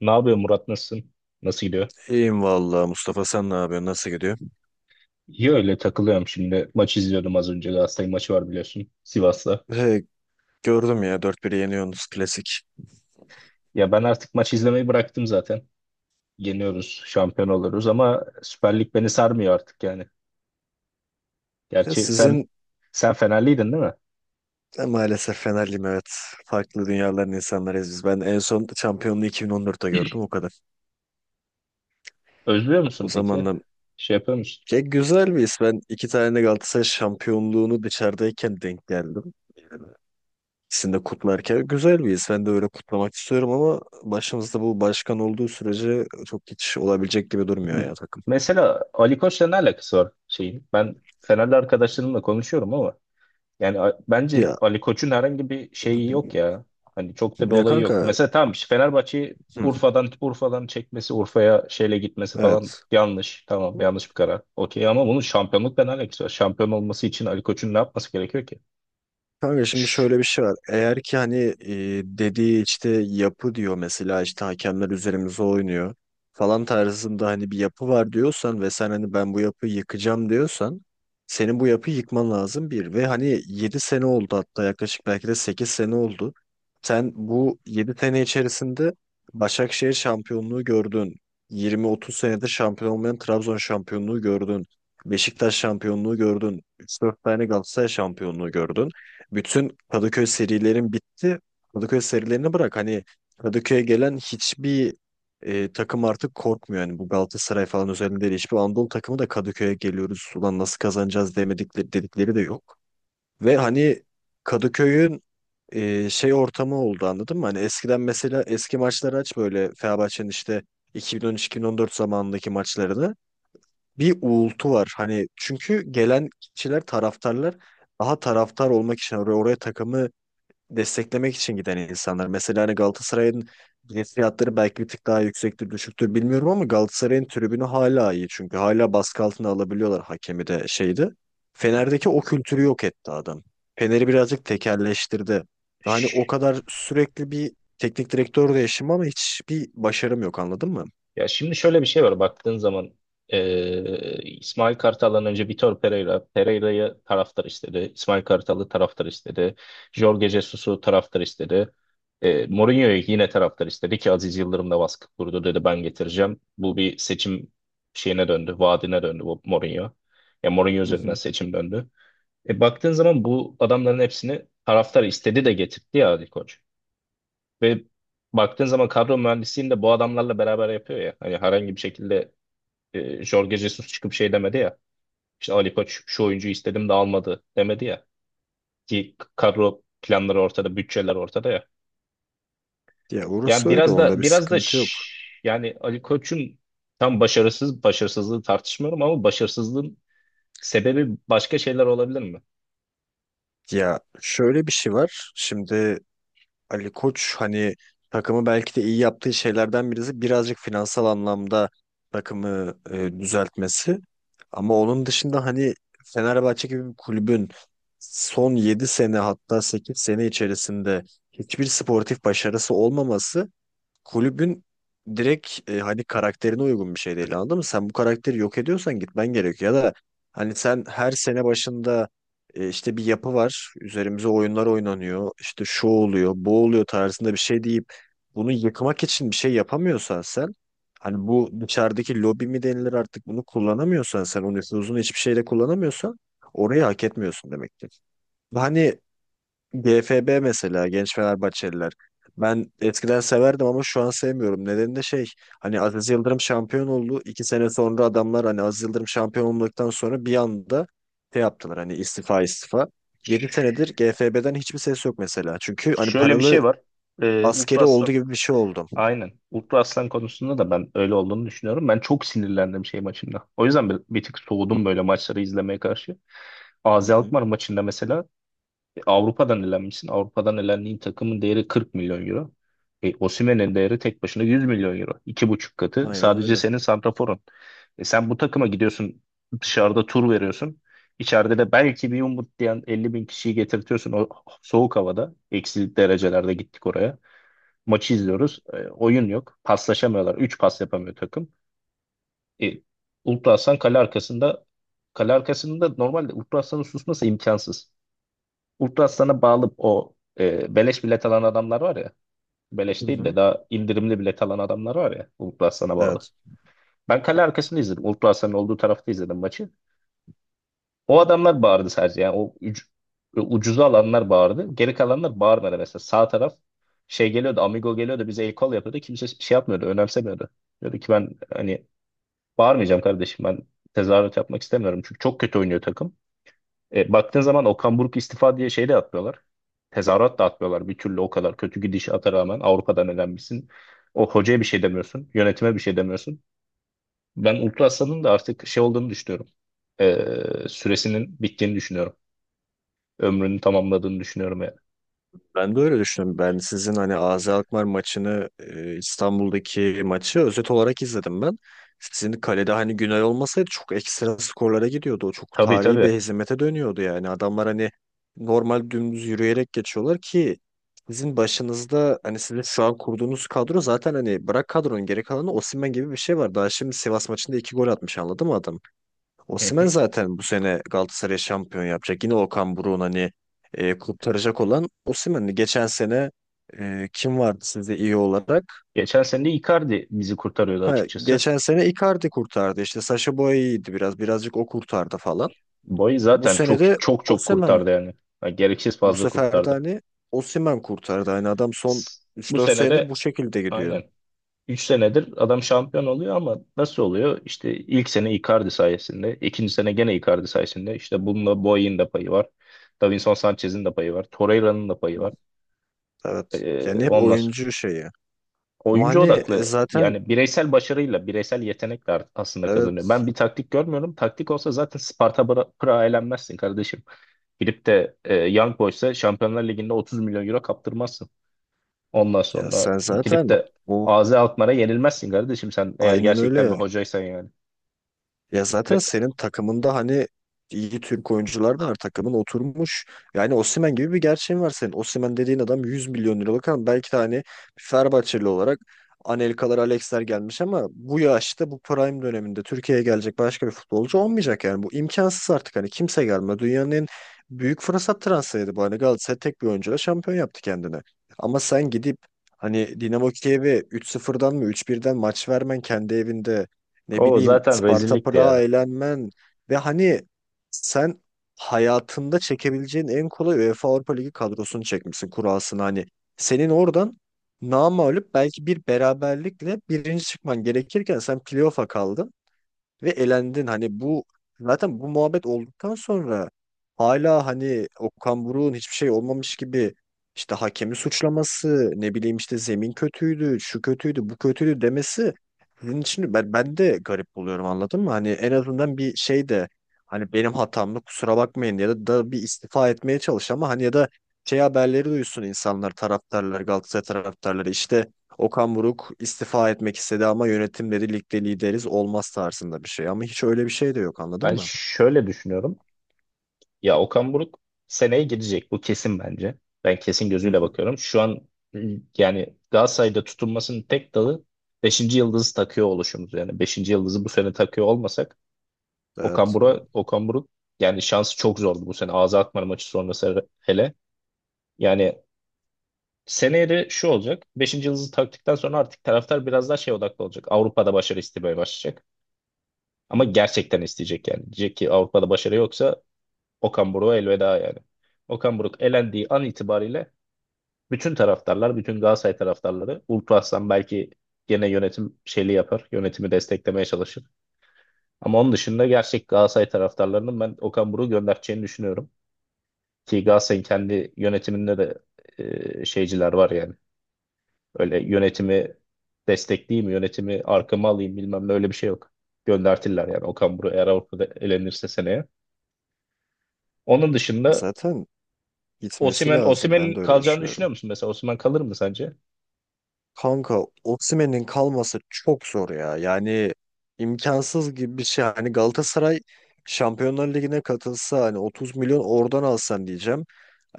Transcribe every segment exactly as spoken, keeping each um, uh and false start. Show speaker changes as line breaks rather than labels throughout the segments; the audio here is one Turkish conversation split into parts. Ne yapıyor Murat, nasılsın? Nasıl gidiyor?
İyiyim vallahi Mustafa, sen ne yapıyorsun, nasıl gidiyor?
İyi, öyle takılıyorum şimdi. Maç izliyordum az önce. Galatasaray maçı var, biliyorsun, Sivas'la.
He, gördüm ya, dört bire yeniyorsunuz, klasik.
Ya ben artık maç izlemeyi bıraktım zaten. Yeniyoruz, şampiyon oluruz ama Süper Lig beni sarmıyor artık yani.
Ya
Gerçi sen
sizin
sen Fenerliydin değil mi?
de maalesef Fenerliyim, evet. Farklı dünyaların insanlarıyız biz. Ben en son şampiyonluğu iki bin on dörtte gördüm, o kadar.
Özlüyor
O
musun peki?
zamandan
Şey yapıyor musun?
ya, güzel bir his. Ben iki tane Galatasaray şampiyonluğunu dışarıdayken denk geldim. İkisini de kutlarken güzel bir his. Ben de öyle kutlamak istiyorum ama başımızda bu başkan olduğu sürece çok hiç olabilecek gibi durmuyor
M-
ya takım.
Mesela Ali Koç'la ne alakası var şeyin? Ben Fenerli arkadaşlarımla konuşuyorum ama yani a- bence
Ya,
Ali Koç'un herhangi bir şeyi yok ya. Hani çok da bir
ya
olayı yok.
kanka,
Mesela tamam, işte Fenerbahçe'yi
hı,
Urfa'dan Urfa'dan çekmesi, Urfa'ya şeyle gitmesi falan
evet.
yanlış. Tamam, yanlış bir karar. Okey, ama bunun şampiyonlukla ne alakası var? Şampiyon olması için Ali Koç'un ne yapması gerekiyor ki?
Kanka, şimdi şöyle bir şey var. Eğer ki hani e, dediği işte yapı diyor, mesela işte hakemler üzerimize oynuyor falan tarzında hani bir yapı var diyorsan ve sen hani ben bu yapıyı yıkacağım diyorsan, senin bu yapıyı yıkman lazım bir, ve hani yedi sene oldu, hatta yaklaşık belki de sekiz sene oldu. Sen bu yedi sene içerisinde Başakşehir şampiyonluğu gördün, yirmi otuz senedir şampiyon olmayan Trabzon şampiyonluğu gördün, Beşiktaş şampiyonluğu gördün, üç dört tane Galatasaray şampiyonluğu gördün. Bütün Kadıköy serilerin bitti. Kadıköy serilerini bırak. Hani Kadıköy'e gelen hiçbir e, takım artık korkmuyor. Yani bu Galatasaray falan özelinde değil. Hiçbir Anadolu takımı da Kadıköy'e geliyoruz, ulan nasıl kazanacağız demedikleri, dedikleri de yok. Ve hani Kadıköy'ün e, şey ortamı oldu, anladın mı? Hani eskiden mesela eski maçları aç, böyle Fenerbahçe'nin işte iki bin on üç iki bin on dört zamanındaki maçlarını, bir uğultu var. Hani çünkü gelen kişiler, taraftarlar, daha taraftar olmak için oraya, oraya takımı desteklemek için giden insanlar. Mesela hani Galatasaray'ın bilet fiyatları belki bir tık daha yüksektir, düşüktür, bilmiyorum, ama Galatasaray'ın tribünü hala iyi. Çünkü hala baskı altına alabiliyorlar hakemi de, şeydi. Fener'deki o kültürü yok etti adam. Fener'i birazcık tekelleştirdi. Ve hani o kadar sürekli bir teknik direktör değişimi ama hiçbir başarım yok, anladın mı?
Ya şimdi şöyle bir şey var, baktığın zaman eee, İsmail Kartal'dan önce Vitor Pereira, Pereira'yı taraftar istedi. İsmail Kartal'ı taraftar istedi. Jorge Jesus'u taraftar istedi. Eee Mourinho'yu yine taraftar istedi ki Aziz Yıldırım da baskı kurdu, dedi ben getireceğim. Bu bir seçim şeyine döndü, vaadine döndü bu Mourinho. Ya Mourinho
Hı
üzerinden
hı.
seçim döndü. E, baktığın zaman bu adamların hepsini taraftar istedi de getirdi ya Ali Koç. Ve baktığın zaman kadro mühendisliğini de bu adamlarla beraber yapıyor ya. Hani herhangi bir şekilde e, Jorge Jesus çıkıp şey demedi ya. İşte Ali Koç şu oyuncuyu istedim de almadı demedi ya. Ki kadro planları ortada, bütçeler ortada ya.
Ya
Yani
orası öyle,
biraz
onda
da
bir
biraz da
sıkıntı yok.
şş, yani Ali Koç'un tam başarısız başarısızlığı tartışmıyorum ama başarısızlığın sebebi başka şeyler olabilir mi?
Ya şöyle bir şey var. Şimdi Ali Koç hani takımı belki de iyi yaptığı şeylerden birisi birazcık finansal anlamda takımı e, düzeltmesi. Ama onun dışında hani Fenerbahçe gibi bir kulübün son yedi sene, hatta sekiz sene içerisinde hiçbir sportif başarısı olmaması, kulübün direkt e, hani karakterine uygun bir şey değil, anladın mı? Sen bu karakteri yok ediyorsan gitmen gerekiyor, ya da hani sen her sene başında e, işte bir yapı var, üzerimize oyunlar oynanıyor, işte şu oluyor bu oluyor tarzında bir şey deyip, bunu yıkmak için bir şey yapamıyorsan sen, hani bu dışarıdaki lobi mi denilir artık bunu kullanamıyorsan, sen o nüfuzunu hiçbir şeyle kullanamıyorsan, orayı hak etmiyorsun demektir. Hani G F B mesela, Genç Fenerbahçeliler. Ben eskiden severdim ama şu an sevmiyorum. Nedeni de şey, hani Aziz Yıldırım şampiyon oldu. İki sene sonra adamlar hani Aziz Yıldırım şampiyon olduktan sonra bir anda şey yaptılar, hani istifa istifa. Yedi senedir G F B'den hiçbir ses yok mesela. Çünkü hani
Şöyle bir şey
paralı
var. E,
askeri
Ultra
oldu gibi bir şey oldu.
Aynen. Ultra Aslan konusunda da ben öyle olduğunu düşünüyorum. Ben çok sinirlendim şey maçında. O yüzden bir, bir tık soğudum böyle maçları izlemeye karşı.
Hı
A Z
hı.
Alkmaar maçında mesela e, Avrupa'dan elenmişsin. Avrupa'dan elendiğin takımın değeri kırk milyon euro milyon euro. E, Osimhen'in değeri tek başına yüz milyon euro milyon euro. iki buçuk katı.
Aynen
Sadece
öyle.
senin santraforun. E, sen bu takıma gidiyorsun. Dışarıda tur veriyorsun. İçeride de belki bir umut diyen 50 bin kişiyi getirtiyorsun o soğuk havada. Eksi derecelerde gittik oraya. Maçı izliyoruz. E, oyun yok. Paslaşamıyorlar. Üç pas yapamıyor takım. E, Ultra Aslan kale arkasında, kale arkasında normalde Ultra Aslan'ın susması imkansız. Ultra Aslan'a bağlı o e, beleş bilet alan adamlar var ya.
Hı
Beleş değil de
hı.
daha indirimli bilet alan adamlar var ya, Ultra Aslan'a bağlı.
Evet.
Ben kale arkasında izledim. Ultra Aslan'ın olduğu tarafta izledim maçı. O adamlar bağırdı sadece, yani o üc- ucuza alanlar bağırdı. Geri kalanlar bağırmadı mesela. Sağ taraf şey geliyordu, Amigo geliyordu bize el kol yapıyordu. Kimse şey yapmıyordu, önemsemiyordu. Diyordu ki ben hani bağırmayacağım kardeşim, ben tezahürat yapmak istemiyorum çünkü çok kötü oynuyor takım. E, baktığın zaman Okan Buruk istifa diye şey de atmıyorlar. Tezahürat da atmıyorlar bir türlü, o kadar kötü gidişata rağmen Avrupa'dan elenmişsin. O hocaya bir şey demiyorsun. Yönetime bir şey demiyorsun. Ben Ultra Aslan'ın da artık şey olduğunu düşünüyorum. E, süresinin bittiğini düşünüyorum, ömrünü tamamladığını düşünüyorum yani.
Ben de öyle düşünüyorum. Ben sizin hani A Z Alkmaar maçını, e, İstanbul'daki maçı özet olarak izledim ben. Sizin kalede hani Günay olmasaydı çok ekstra skorlara gidiyordu. O çok
Tabii,
tarihi bir
tabii.
hezimete dönüyordu yani. Adamlar hani normal dümdüz yürüyerek geçiyorlar ki sizin başınızda hani sizin şu an kurduğunuz kadro, zaten hani bırak kadronun geri kalanı, Osimhen gibi bir şey var. Daha şimdi Sivas maçında iki gol atmış, anladın mı adam?
Hı
Osimhen
hı.
zaten bu sene Galatasaray şampiyon yapacak. Yine Okan Buruk'un hani e, kurtaracak olan Osimhen'di. Geçen sene e, kim vardı sizde iyi olarak?
Geçen sene de Icardi bizi kurtarıyordu
Ha,
açıkçası.
geçen sene Icardi kurtardı. İşte Sacha Boey iyiydi biraz. Birazcık o kurtardı falan.
Boy
Bu
zaten
sene
çok
de
çok çok
Osimhen.
kurtardı yani. Ha, gereksiz
Bu
fazla
sefer de
kurtardı.
hani Osimhen kurtardı. Hani adam son
S-
üç
Bu
dört
sene
senedir bu
de
şekilde gidiyor.
aynen. Üç senedir adam şampiyon oluyor ama nasıl oluyor? İşte ilk sene Icardi sayesinde, ikinci sene gene Icardi sayesinde. İşte bununla Boy'un da payı var. Davinson Sanchez'in de payı var. Torreira'nın da payı var.
Evet.
Ee,
Yani hep
ondan
oyuncu şeyi. Ama
oyuncu
hani e,
odaklı,
zaten,
yani bireysel başarıyla, bireysel yetenekle art- aslında kazanıyor.
evet,
Ben bir taktik görmüyorum. Taktik olsa zaten Sparta Bra- Prag'a elenmezsin kardeşim. Girip de e, Young Boys'a Şampiyonlar Ligi'nde 30 milyon euro kaptırmazsın. Ondan
ya
sonra
sen
girip
zaten
de
bu
A Z Alkmaar'a yenilmezsin kardeşim, sen eğer
aynen
gerçekten bir
öyle.
hocaysan yani.
Ya zaten
Ve
senin takımında hani iyi Türk oyuncular da var. Takımın oturmuş. Yani Osimhen gibi bir gerçeğin var senin. Osimhen dediğin adam yüz milyon liralık, ama belki de hani Fenerbahçeli olarak Anelkalar, Alexler gelmiş ama bu yaşta, bu prime döneminde Türkiye'ye gelecek başka bir futbolcu olmayacak yani. Bu imkansız artık, hani kimse gelme. Dünyanın en büyük fırsat transferiydi bu. Hani Galatasaray tek bir oyuncuyla şampiyon yaptı kendini. Ama sen gidip hani Dinamo Kiev'e üç sıfırdan mı üç birden maç vermen kendi evinde, ne
o
bileyim
zaten
Sparta
rezillikti
Prag'a
ya.
eğlenmen, ve hani sen hayatında çekebileceğin en kolay UEFA Avrupa Ligi kadrosunu çekmişsin kurasını, hani senin oradan namağlup belki bir beraberlikle birinci çıkman gerekirken sen playoff'a kaldın ve elendin. Hani bu, zaten bu muhabbet olduktan sonra hala hani Okan Buruk'un hiçbir şey olmamış gibi işte hakemi suçlaması, ne bileyim işte zemin kötüydü, şu kötüydü, bu kötüydü demesi, sizin için ben, ben de garip buluyorum, anladın mı? Hani en azından bir şey de hani benim hatamdı kusura bakmayın, ya da, da bir istifa etmeye çalış, ama hani ya da şey, haberleri duysun insanlar, taraftarlar, Galatasaray taraftarları, işte Okan Buruk istifa etmek istedi ama yönetim dedi ligde lideriz olmaz tarzında bir şey. Ama hiç öyle bir şey de yok, anladın
Ben
mı?
şöyle düşünüyorum. Ya Okan Buruk seneye gidecek. Bu kesin bence. Ben kesin
Hı
gözüyle
hı.
bakıyorum. Şu an yani Galatasaray'da tutunmasının tek dalı beşinci yıldızı takıyor oluşumuz. Yani beşinci yıldızı bu sene takıyor olmasak Okan
Evet.
Buruk, Okan Buruk yani şansı çok zordu bu sene. Ağza Alkmaar maçı sonrası hele. Yani seneye de şu olacak. Beşinci yıldızı taktıktan sonra artık taraftar biraz daha şey odaklı olacak. Avrupa'da başarı istemeye başlayacak. Ama gerçekten isteyecek yani. Diyecek ki Avrupa'da başarı yoksa Okan Buruk'a elveda yani. Okan Buruk elendiği an itibariyle bütün taraftarlar, bütün Galatasaray taraftarları, Uğur Aslan belki gene yönetim şeyli yapar. Yönetimi desteklemeye çalışır. Ama onun dışında gerçek Galatasaray taraftarlarının ben Okan Buruk'u göndereceğini düşünüyorum. Ki Galatasaray'ın kendi yönetiminde de e, şeyciler var yani. Öyle yönetimi destekleyeyim, yönetimi arkama alayım bilmem ne, öyle bir şey yok. Göndertirler yani Okan Buruk eğer Avrupa'da elenirse seneye. Onun dışında
Zaten gitmesi
Osimhen,
lazım. Ben
Osimhen'in
de öyle
kalacağını
düşünüyorum.
düşünüyor musun mesela? Osimhen kalır mı sence?
Kanka, Osimhen'in kalması çok zor ya. Yani imkansız gibi bir şey. Hani Galatasaray Şampiyonlar Ligi'ne katılsa hani otuz milyon oradan alsan diyeceğim.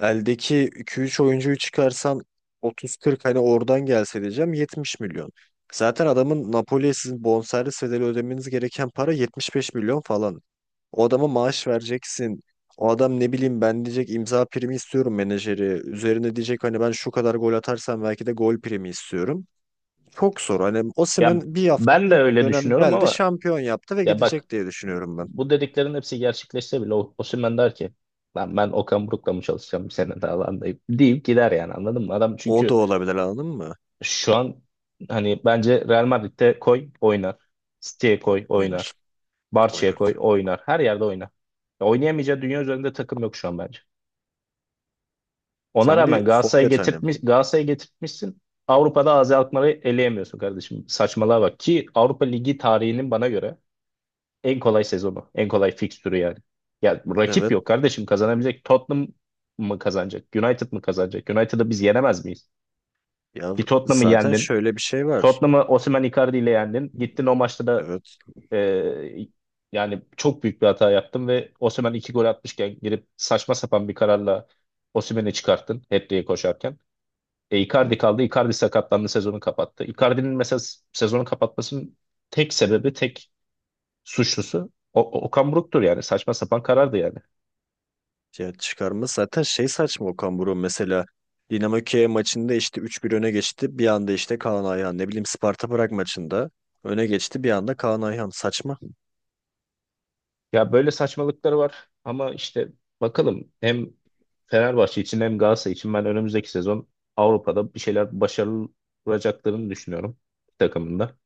Eldeki iki üç oyuncuyu çıkarsan otuz kırk hani oradan gelse diyeceğim, yetmiş milyon. Zaten adamın Napoli'ye sizin bonservis bedeli ödemeniz gereken para yetmiş beş milyon falan. O adama maaş vereceksin. O adam, ne bileyim ben, diyecek imza primi istiyorum menajeri. Üzerine diyecek hani ben şu kadar gol atarsam belki de gol primi istiyorum. Çok zor. Hani
Ya
Osimhen bir hafta
ben de
ilk
öyle
dönem
düşünüyorum
geldi,
ama
şampiyon yaptı ve
ya bak,
gidecek diye düşünüyorum ben.
bu dediklerin hepsi gerçekleşse bile O- Osimhen der ki lan, ben Okan Buruk'la mı çalışacağım bir sene daha lan, deyip, deyip gider yani, anladın mı? Adam
O da
çünkü
olabilir, anladın mı?
şu an hani bence Real Madrid'de koy oynar. City'ye koy oynar.
Oynar,
Barça'ya
oynar.
koy oynar. Her yerde oynar. Ya oynayamayacağı dünya üzerinde takım yok şu an bence. Ona
Sen
rağmen
bir
Galatasaray'ı
forvet hani.
getirtmiş, Galatasaray'ı getirtmişsin. Avrupa'da Azi Alkmaar'ı eleyemiyorsun kardeşim. Saçmalığa bak ki Avrupa Ligi tarihinin bana göre en kolay sezonu, en kolay fikstürü yani. Ya rakip
Evet.
yok kardeşim kazanabilecek. Tottenham mı kazanacak? United mı kazanacak? United'ı biz yenemez miyiz?
Ya
Ki Tottenham'ı
zaten
yendin.
şöyle bir şey var.
Tottenham'ı Osimhen Icardi ile yendin. Gittin o maçta da
Evet.
e, yani çok büyük bir hata yaptın ve Osimhen iki gol atmışken girip saçma sapan bir kararla Osimhen'i çıkarttın hat koşarken. E,
Hı.
Icardi kaldı. Icardi sakatlandı, sezonu kapattı. Icardi'nin mesela s- sezonu kapatmasının tek sebebi, tek suçlusu o, o- Okan Buruk'tur yani. Saçma sapan karardı yani.
Ya çıkarma zaten şey, saçma Okan Buruk mesela. Dinamo Kiev maçında işte üç bir öne geçti. Bir anda işte Kaan Ayhan, ne bileyim Sparta Prag maçında öne geçti. Bir anda Kaan Ayhan saçma.
Ya böyle saçmalıkları var ama işte bakalım hem Fenerbahçe için hem Galatasaray için ben önümüzdeki sezon Avrupa'da bir şeyler başarılacaklarını düşünüyorum takımında.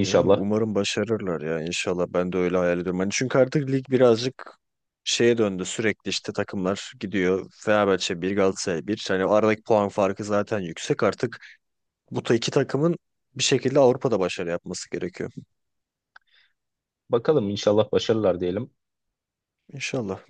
Yani umarım başarırlar ya, inşallah ben de öyle hayal ediyorum. Hani çünkü artık lig birazcık şeye döndü, sürekli işte takımlar gidiyor. Fenerbahçe bir, Galatasaray bir. Hani o aradaki puan farkı zaten yüksek artık. Bu ta iki takımın bir şekilde Avrupa'da başarı yapması gerekiyor.
Bakalım inşallah başarırlar diyelim.
İnşallah.